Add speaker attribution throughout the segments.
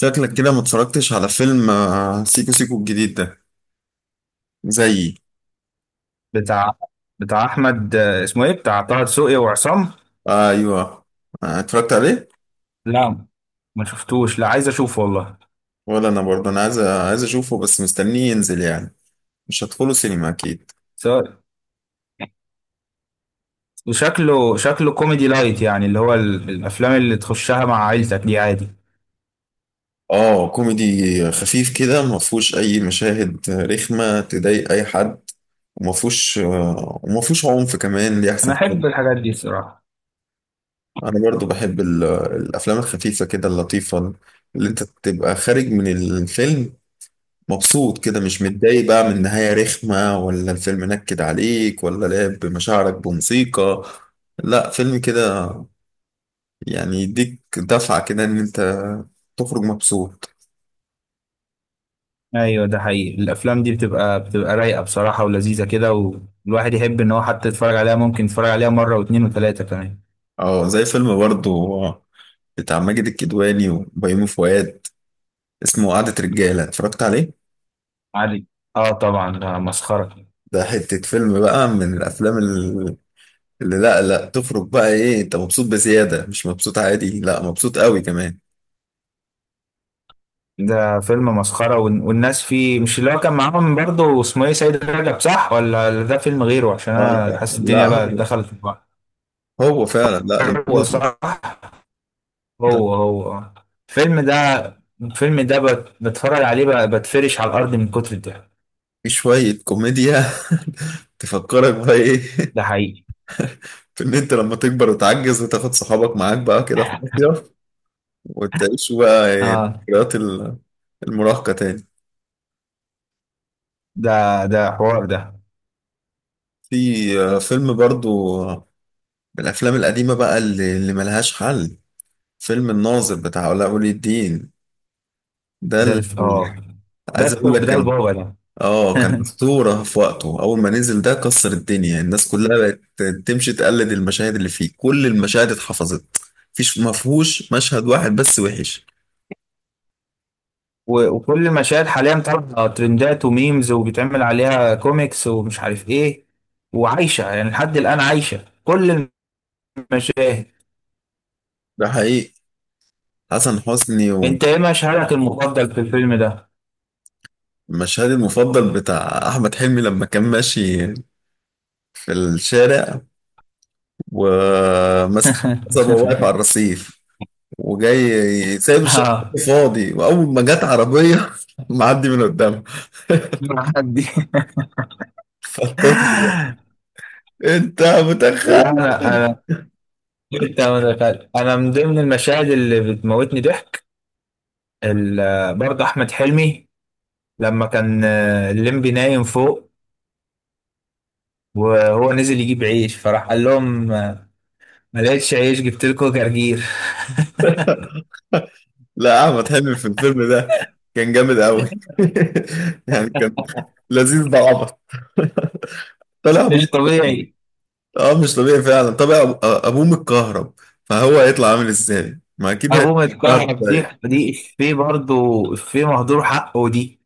Speaker 1: شكلك كده ما اتفرجتش على فيلم سيكو سيكو الجديد ده. زيي.
Speaker 2: بتاع بتاع احمد، اسمه ايه؟ بتاع طه دسوقي وعصام.
Speaker 1: ايوه، اتفرجت عليه.
Speaker 2: لا ما شفتوش. لا عايز اشوفه والله.
Speaker 1: ولا انا برضه عايز اشوفه بس مستنيه ينزل يعني. مش هدخله سينما اكيد.
Speaker 2: سواء، وشكله شكله كوميدي لايت، يعني اللي هو الافلام اللي تخشها مع عيلتك دي عادي.
Speaker 1: اه، كوميدي خفيف كده، ما فيهوش اي مشاهد رخمه تضايق اي حد. وما فيهوش عنف كمان، دي
Speaker 2: انا
Speaker 1: احسن حاجه.
Speaker 2: احب الحاجات دي الصراحه.
Speaker 1: انا برضه بحب الافلام الخفيفه كده، اللطيفه، اللي انت تبقى خارج من الفيلم مبسوط كده، مش متضايق بقى من نهاية رخمة، ولا الفيلم نكد عليك، ولا لعب بمشاعرك بموسيقى. لا، فيلم كده يعني يديك دفعة كده ان انت تخرج مبسوط.
Speaker 2: ايوه، ده حقيقي. الافلام دي بتبقى رايقه بصراحه ولذيذه كده. والواحد يحب ان هو حتى يتفرج عليها، ممكن يتفرج عليها مره واثنين وثلاثه كمان.
Speaker 1: اه، زي فيلم برضو بتاع ماجد الكدواني وبيومي فؤاد، اسمه قعدة رجالة، اتفرجت عليه.
Speaker 2: عادي. اه، طبعا ده مسخره.
Speaker 1: ده حتة فيلم بقى من الافلام اللي، لا لا، تخرج بقى ايه؟ انت مبسوط بزيادة، مش مبسوط عادي، لا مبسوط قوي كمان.
Speaker 2: ده فيلم مسخرة والناس فيه، مش اللي هو كان معاهم برضه اسمه ايه؟ سيد رجب، صح؟ ولا ده فيلم غيره؟ عشان
Speaker 1: اه.
Speaker 2: انا حاسس
Speaker 1: لا،
Speaker 2: الدنيا
Speaker 1: هو
Speaker 2: بقى دخلت في بعض.
Speaker 1: هو فعلا، لا لما
Speaker 2: هو
Speaker 1: بنطلب،
Speaker 2: صح. هو هو، آه. الفيلم ده، الفيلم ده بتفرج عليه بقى، بتفرش على الارض من كتر الضحك.
Speaker 1: في شوية كوميديا تفكرك بقى ايه؟
Speaker 2: ده حقيقي.
Speaker 1: في ان انت لما تكبر وتعجز وتاخد صحابك معاك بقى كده في مصيف، وتعيشوا بقى إيه،
Speaker 2: اه،
Speaker 1: ذكريات المراهقة تاني.
Speaker 2: ده ده حوار ده.
Speaker 1: في فيلم برضو، من الأفلام القديمة بقى اللي ملهاش حل، فيلم الناظر بتاع علاء ولي الدين. ده
Speaker 2: اه،
Speaker 1: اللي
Speaker 2: ده
Speaker 1: عايز أقول
Speaker 2: الحب،
Speaker 1: لك.
Speaker 2: ده
Speaker 1: كان
Speaker 2: البابا ده.
Speaker 1: اه، كان أسطورة في وقته. أول ما نزل ده كسر الدنيا، الناس كلها بقت تمشي تقلد المشاهد اللي فيه، كل المشاهد اتحفظت. مفهوش مشهد واحد بس وحش.
Speaker 2: و وكل مشاهد حاليا طالعه ترندات وميمز وبيتعمل عليها كوميكس، ومش عارف ايه. وعايشه يعني لحد الان، عايشه كل المشاهد.
Speaker 1: ده حقيقي. حسن حسني.
Speaker 2: انت ايه مشهدك المفضل في الفيلم ده؟
Speaker 1: ومشهدي المفضل بتاع أحمد حلمي لما كان ماشي في الشارع، وماسك صبا، واقف على الرصيف، وجاي سايب الشارع
Speaker 2: اه.
Speaker 1: فاضي، وأول ما جت عربية معدي من قدامها،
Speaker 2: مع حد.
Speaker 1: فالطفل ده، أنت
Speaker 2: لا،
Speaker 1: متخلف.
Speaker 2: انا انت ما دخلت. انا من ضمن المشاهد اللي بتموتني ضحك، برضه احمد حلمي لما كان الليمبي نايم فوق، وهو نزل يجيب عيش، فراح قال لهم ما لقيتش عيش جبت لكم جرجير.
Speaker 1: لا، احمد حلمي في الفيلم ده كان جامد قوي يعني كان لذيذ. ده عبط. طلع ابوه
Speaker 2: مش
Speaker 1: متكهرب.
Speaker 2: طبيعي.
Speaker 1: اه، مش طبيعي فعلا. طلع ابوه متكهرب، فهو هيطلع عامل ازاي؟ ما اكيد هيطلع
Speaker 2: ابوه
Speaker 1: متكهرب
Speaker 2: متكهرب دي
Speaker 1: زي.
Speaker 2: دي افيه برضه. افيه مهدور حقه دي.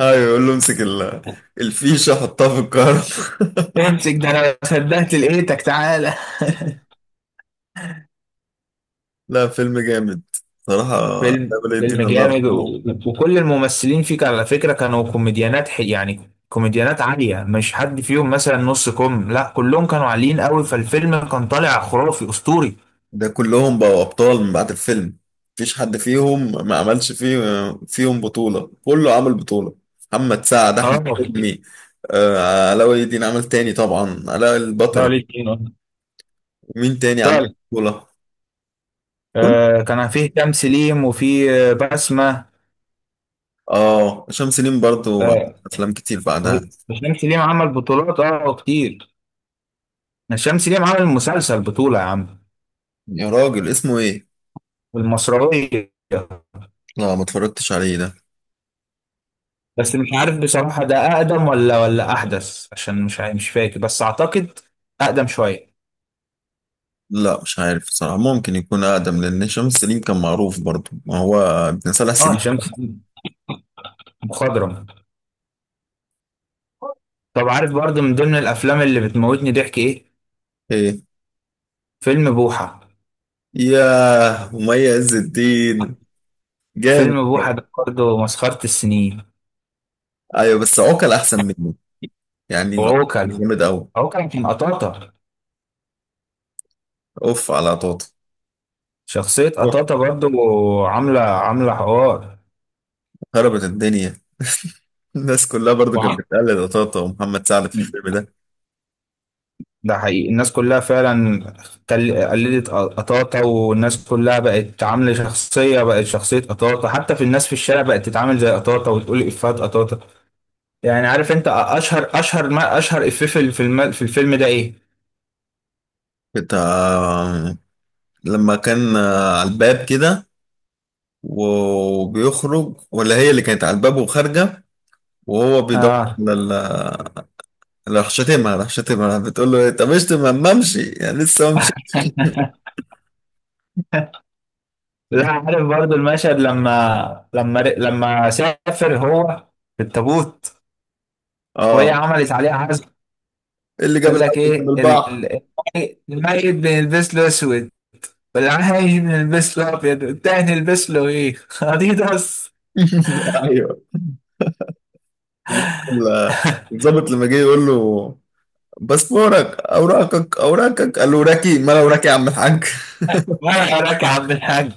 Speaker 1: ايوه، يقول له امسك الفيشه حطها في الكهرب
Speaker 2: امسك، ده انا ما صدقت لقيتك، تعالى.
Speaker 1: لا، فيلم جامد صراحه. علاء
Speaker 2: فيلم
Speaker 1: ولي
Speaker 2: فيلم
Speaker 1: الدين الله
Speaker 2: جامد و...
Speaker 1: يرحمه.
Speaker 2: وكل الممثلين فيك على فكرة كانوا كوميديانات يعني كوميديانات عالية، مش حد فيهم مثلا نص كوم، لا كلهم كانوا عاليين قوي، فالفيلم كان طالع خرافي اسطوري.
Speaker 1: ده كلهم بقوا أبطال من بعد الفيلم، مفيش حد فيهم ما عملش فيه، فيهم بطولة، كله عمل بطولة. محمد سعد،
Speaker 2: اه.
Speaker 1: أحمد حلمي، علاء ولي الدين عمل تاني، طبعا علاء
Speaker 2: لا،
Speaker 1: البطل.
Speaker 2: ليه اتنين، آه.
Speaker 1: ومين تاني عمل
Speaker 2: فعلا.
Speaker 1: بطولة؟ كل.
Speaker 2: آه، كان فيه هشام سليم، وفيه بسمة.
Speaker 1: اه، هشام سليم برضو عمل
Speaker 2: آه،
Speaker 1: أفلام كتير بعدها.
Speaker 2: الشمس ليه عمل بطولات اه كتير. الشمس ليه عمل مسلسل بطولة يا عم.
Speaker 1: يا راجل اسمه إيه؟
Speaker 2: المصراوية.
Speaker 1: لا، ما اتفرجتش عليه ده.
Speaker 2: بس مش عارف بصراحة، ده أقدم ولا أحدث، عشان مش فاكر، بس أعتقد أقدم شوية.
Speaker 1: لا، مش عارف صراحة. ممكن يكون أقدم، لأن هشام سليم كان معروف برضو، ما هو ابن صلاح
Speaker 2: اه،
Speaker 1: سليم.
Speaker 2: شمس مخضرم. طب عارف برضه من ضمن الأفلام اللي بتموتني ضحك إيه؟
Speaker 1: إيه.
Speaker 2: فيلم بوحة.
Speaker 1: ياه، ومي عز الدين جامد.
Speaker 2: فيلم بوحة ده برضه مسخرة السنين.
Speaker 1: ايوه، بس عقل احسن منه. يعني عقل
Speaker 2: وعوكل.
Speaker 1: جامد قوي.
Speaker 2: عوكل كان قطاطة.
Speaker 1: اوف على طاطا.
Speaker 2: شخصية
Speaker 1: أوف،
Speaker 2: قطاطة برضه، عاملة عاملة حوار.
Speaker 1: خربت الدنيا. الناس كلها برضو كانت
Speaker 2: وعم...
Speaker 1: بتقلد طاطا ومحمد سعد في الفيلم ده.
Speaker 2: ده حقيقي. الناس كلها فعلا قلدت قطاطا، والناس كلها بقت عاملة شخصية، بقت شخصية قطاطا، حتى في الناس في الشارع بقت تتعامل زي قطاطا وتقول إفيهات قطاطا. يعني عارف انت اشهر اشهر ما اشهر إفيه في الفيلم، في الفيلم ده ايه؟
Speaker 1: بتاع لما كان على الباب كده وبيخرج، ولا هي اللي كانت على الباب وخارجه، وهو بيدور
Speaker 2: اه.
Speaker 1: على ال- راح شتمها، بتقول له إيه، طب اشتم ما امشي، يعني لسه ما مشيتش.
Speaker 2: لا، عارف برضو المشهد لما لما سافر هو في التابوت، وهي
Speaker 1: اه.
Speaker 2: عملت عليه عزم.
Speaker 1: إيه اللي جاب
Speaker 2: قال لك
Speaker 1: العسل من
Speaker 2: ايه
Speaker 1: البحر؟
Speaker 2: الميت بنلبس له اسود، بالعين نلبس له ابيض، التاني نلبس له ايه؟ اديداس.
Speaker 1: ايوه. وال- الضابط لما جه يقول له باسبورك، اوراقك، الاوراكي، ما الاوراكي يا عم الحاج.
Speaker 2: وانا وراك يا عم الحاج.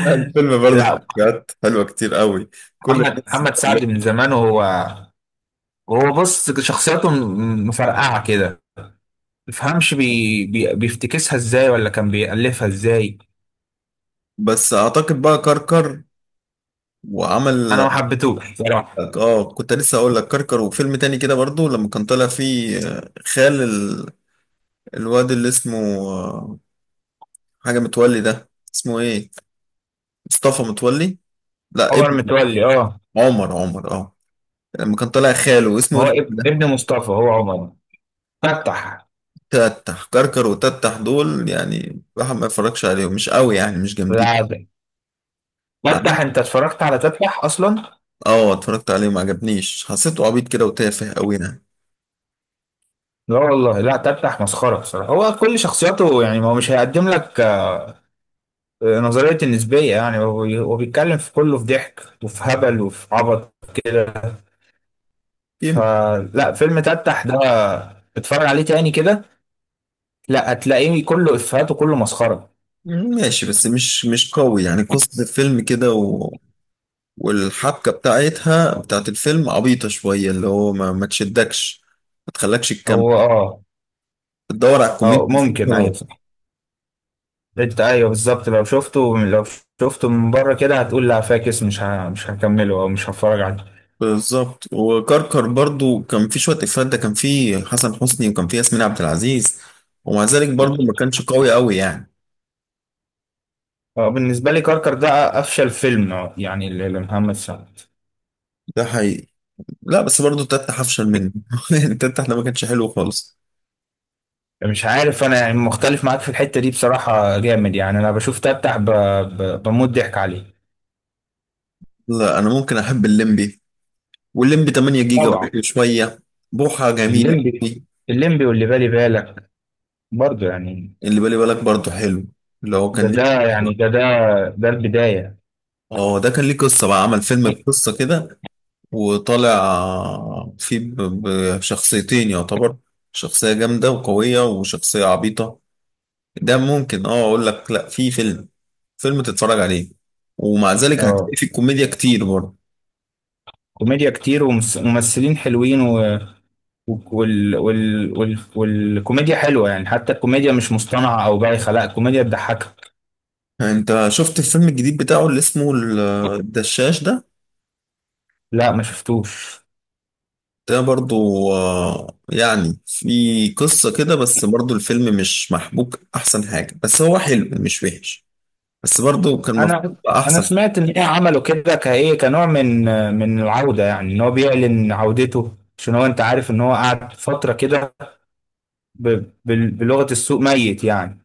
Speaker 1: لا، الفيلم برضه
Speaker 2: لا.
Speaker 1: بجد حلوة كتير قوي. كل
Speaker 2: محمد
Speaker 1: الناس
Speaker 2: محمد سعد
Speaker 1: متألفة.
Speaker 2: من زمان، وهو بص شخصياته مفرقعه كده، مفهمش بيفتكسها ازاي ولا كان بيألفها ازاي.
Speaker 1: بس اعتقد بقى كركر
Speaker 2: انا
Speaker 1: وعمل.
Speaker 2: ما حبيتهوش بصراحه.
Speaker 1: اه، كنت لسه اقول لك كركر، وفيلم تاني كده برضه لما كان طالع فيه خال الواد اللي اسمه، آه، حاجة متولي ده، اسمه ايه، مصطفى متولي. لا،
Speaker 2: عمر
Speaker 1: ابن.
Speaker 2: متولي، اه.
Speaker 1: عمر، اه. لما كان طالع خاله اسمه
Speaker 2: هو
Speaker 1: ايه.
Speaker 2: ابن مصطفى، هو عمر فتح.
Speaker 1: تتح كركر وتتح، دول يعني الواحد ما يتفرجش عليهم، مش قوي يعني، مش جامدين.
Speaker 2: لا،
Speaker 1: مع-
Speaker 2: فتح، انت اتفرجت على تفتح اصلا؟
Speaker 1: اه، اتفرجت عليه، ما عجبنيش. حسيته عبيط كده وتافه قوي يعني.
Speaker 2: لا والله، لا تفتح مسخرة بصراحة. هو كل شخصياته يعني، ما هو مش هيقدم لك نظرية النسبية، يعني هو هو بيتكلم في كله، في ضحك وفي هبل وفي عبط كده.
Speaker 1: يم-
Speaker 2: فلا، فيلم تفتح ده اتفرج عليه تاني كده، لا هتلاقيه كله إفيهات وكله مسخرة.
Speaker 1: ماشي، بس مش قوي يعني قصة الفيلم كده و... والحبكة بتاعتها، بتاعت الفيلم عبيطة شوية، اللي هو ما تشدكش، ما تخلكش تكمل.
Speaker 2: هو اه.
Speaker 1: تدور على الكوميديا
Speaker 2: اه
Speaker 1: اللي فيه
Speaker 2: ممكن، ايوه
Speaker 1: خلاص.
Speaker 2: صح. انت ايوه بالظبط، لو شفته لو شفته من بره كده هتقول لا فاكس، مش هكمله او مش هتفرج عليه.
Speaker 1: بالظبط. وكركر برضو كان في شوية إفيهات، ده كان في حسن حسني وكان في ياسمين عبد العزيز، ومع ذلك برضو ما كانش قوي قوي يعني.
Speaker 2: بالنسبة لي كركر ده افشل فيلم، يعني لمحمد سعد.
Speaker 1: ده حقيقي. لا، بس برضه تتح افشل منه يعني تتح ده ما كانش حلو خالص.
Speaker 2: مش عارف انا يعني، مختلف معاك في الحتة دي بصراحة جامد، يعني انا بشوف تفتح بموت ضحك عليه.
Speaker 1: لا، انا ممكن احب الليمبي، والليمبي 8 جيجا
Speaker 2: طبعا.
Speaker 1: برضه شويه. بوحه جميل
Speaker 2: الليمبي.
Speaker 1: قوي.
Speaker 2: الليمبي واللي بالي بالك برضه يعني.
Speaker 1: اللي بالي بالك برضه حلو، اللي هو
Speaker 2: ده
Speaker 1: كان ليه.
Speaker 2: ده يعني ده ده ده البداية.
Speaker 1: اه، ده كان ليه قصه بقى، عمل فيلم بقصه كده وطالع فيه بشخصيتين يعتبر، شخصيه جامده وقويه وشخصيه عبيطه. ده ممكن اه اقول لك، لا في فيلم تتفرج عليه، ومع ذلك
Speaker 2: اه،
Speaker 1: هتلاقي فيه كوميديا كتير برضه.
Speaker 2: كوميديا كتير وممثلين حلوين و... والكوميديا حلوة يعني، حتى الكوميديا مش مصطنعة او بايخة، لا الكوميديا بتضحكك.
Speaker 1: انت شفت الفيلم الجديد بتاعه اللي اسمه الدشاش ده؟
Speaker 2: لا ما شفتوش.
Speaker 1: ده برضو يعني في قصة كده، بس برضو الفيلم مش محبوك. احسن حاجة بس هو حلو مش وحش، بس برضو كان المفروض
Speaker 2: انا،
Speaker 1: يبقى احسن.
Speaker 2: سمعت ان ايه، عملوا كده كايه كنوع من العوده، يعني ان هو بيعلن عودته، عشان هو انت عارف ان هو قعد فتره كده بلغه السوق ميت يعني.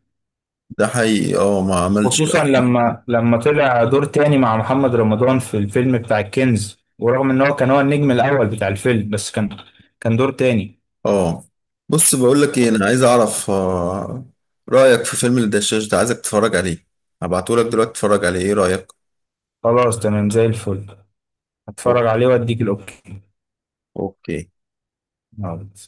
Speaker 1: ده حقيقي. اه، ما عملش ده.
Speaker 2: خصوصا لما طلع دور تاني مع محمد رمضان في الفيلم بتاع الكنز، ورغم ان هو كان هو النجم الاول بتاع الفيلم، بس كان دور تاني.
Speaker 1: اه، بص بقول لك ايه، انا عايز اعرف رأيك في فيلم الدشاش ده. عايزك تتفرج عليه، هبعته لك دلوقتي تتفرج عليه ايه رأيك.
Speaker 2: خلاص، تمام زي الفل.
Speaker 1: أوك-
Speaker 2: هتفرج عليه واديك
Speaker 1: اوكي.
Speaker 2: الاوكي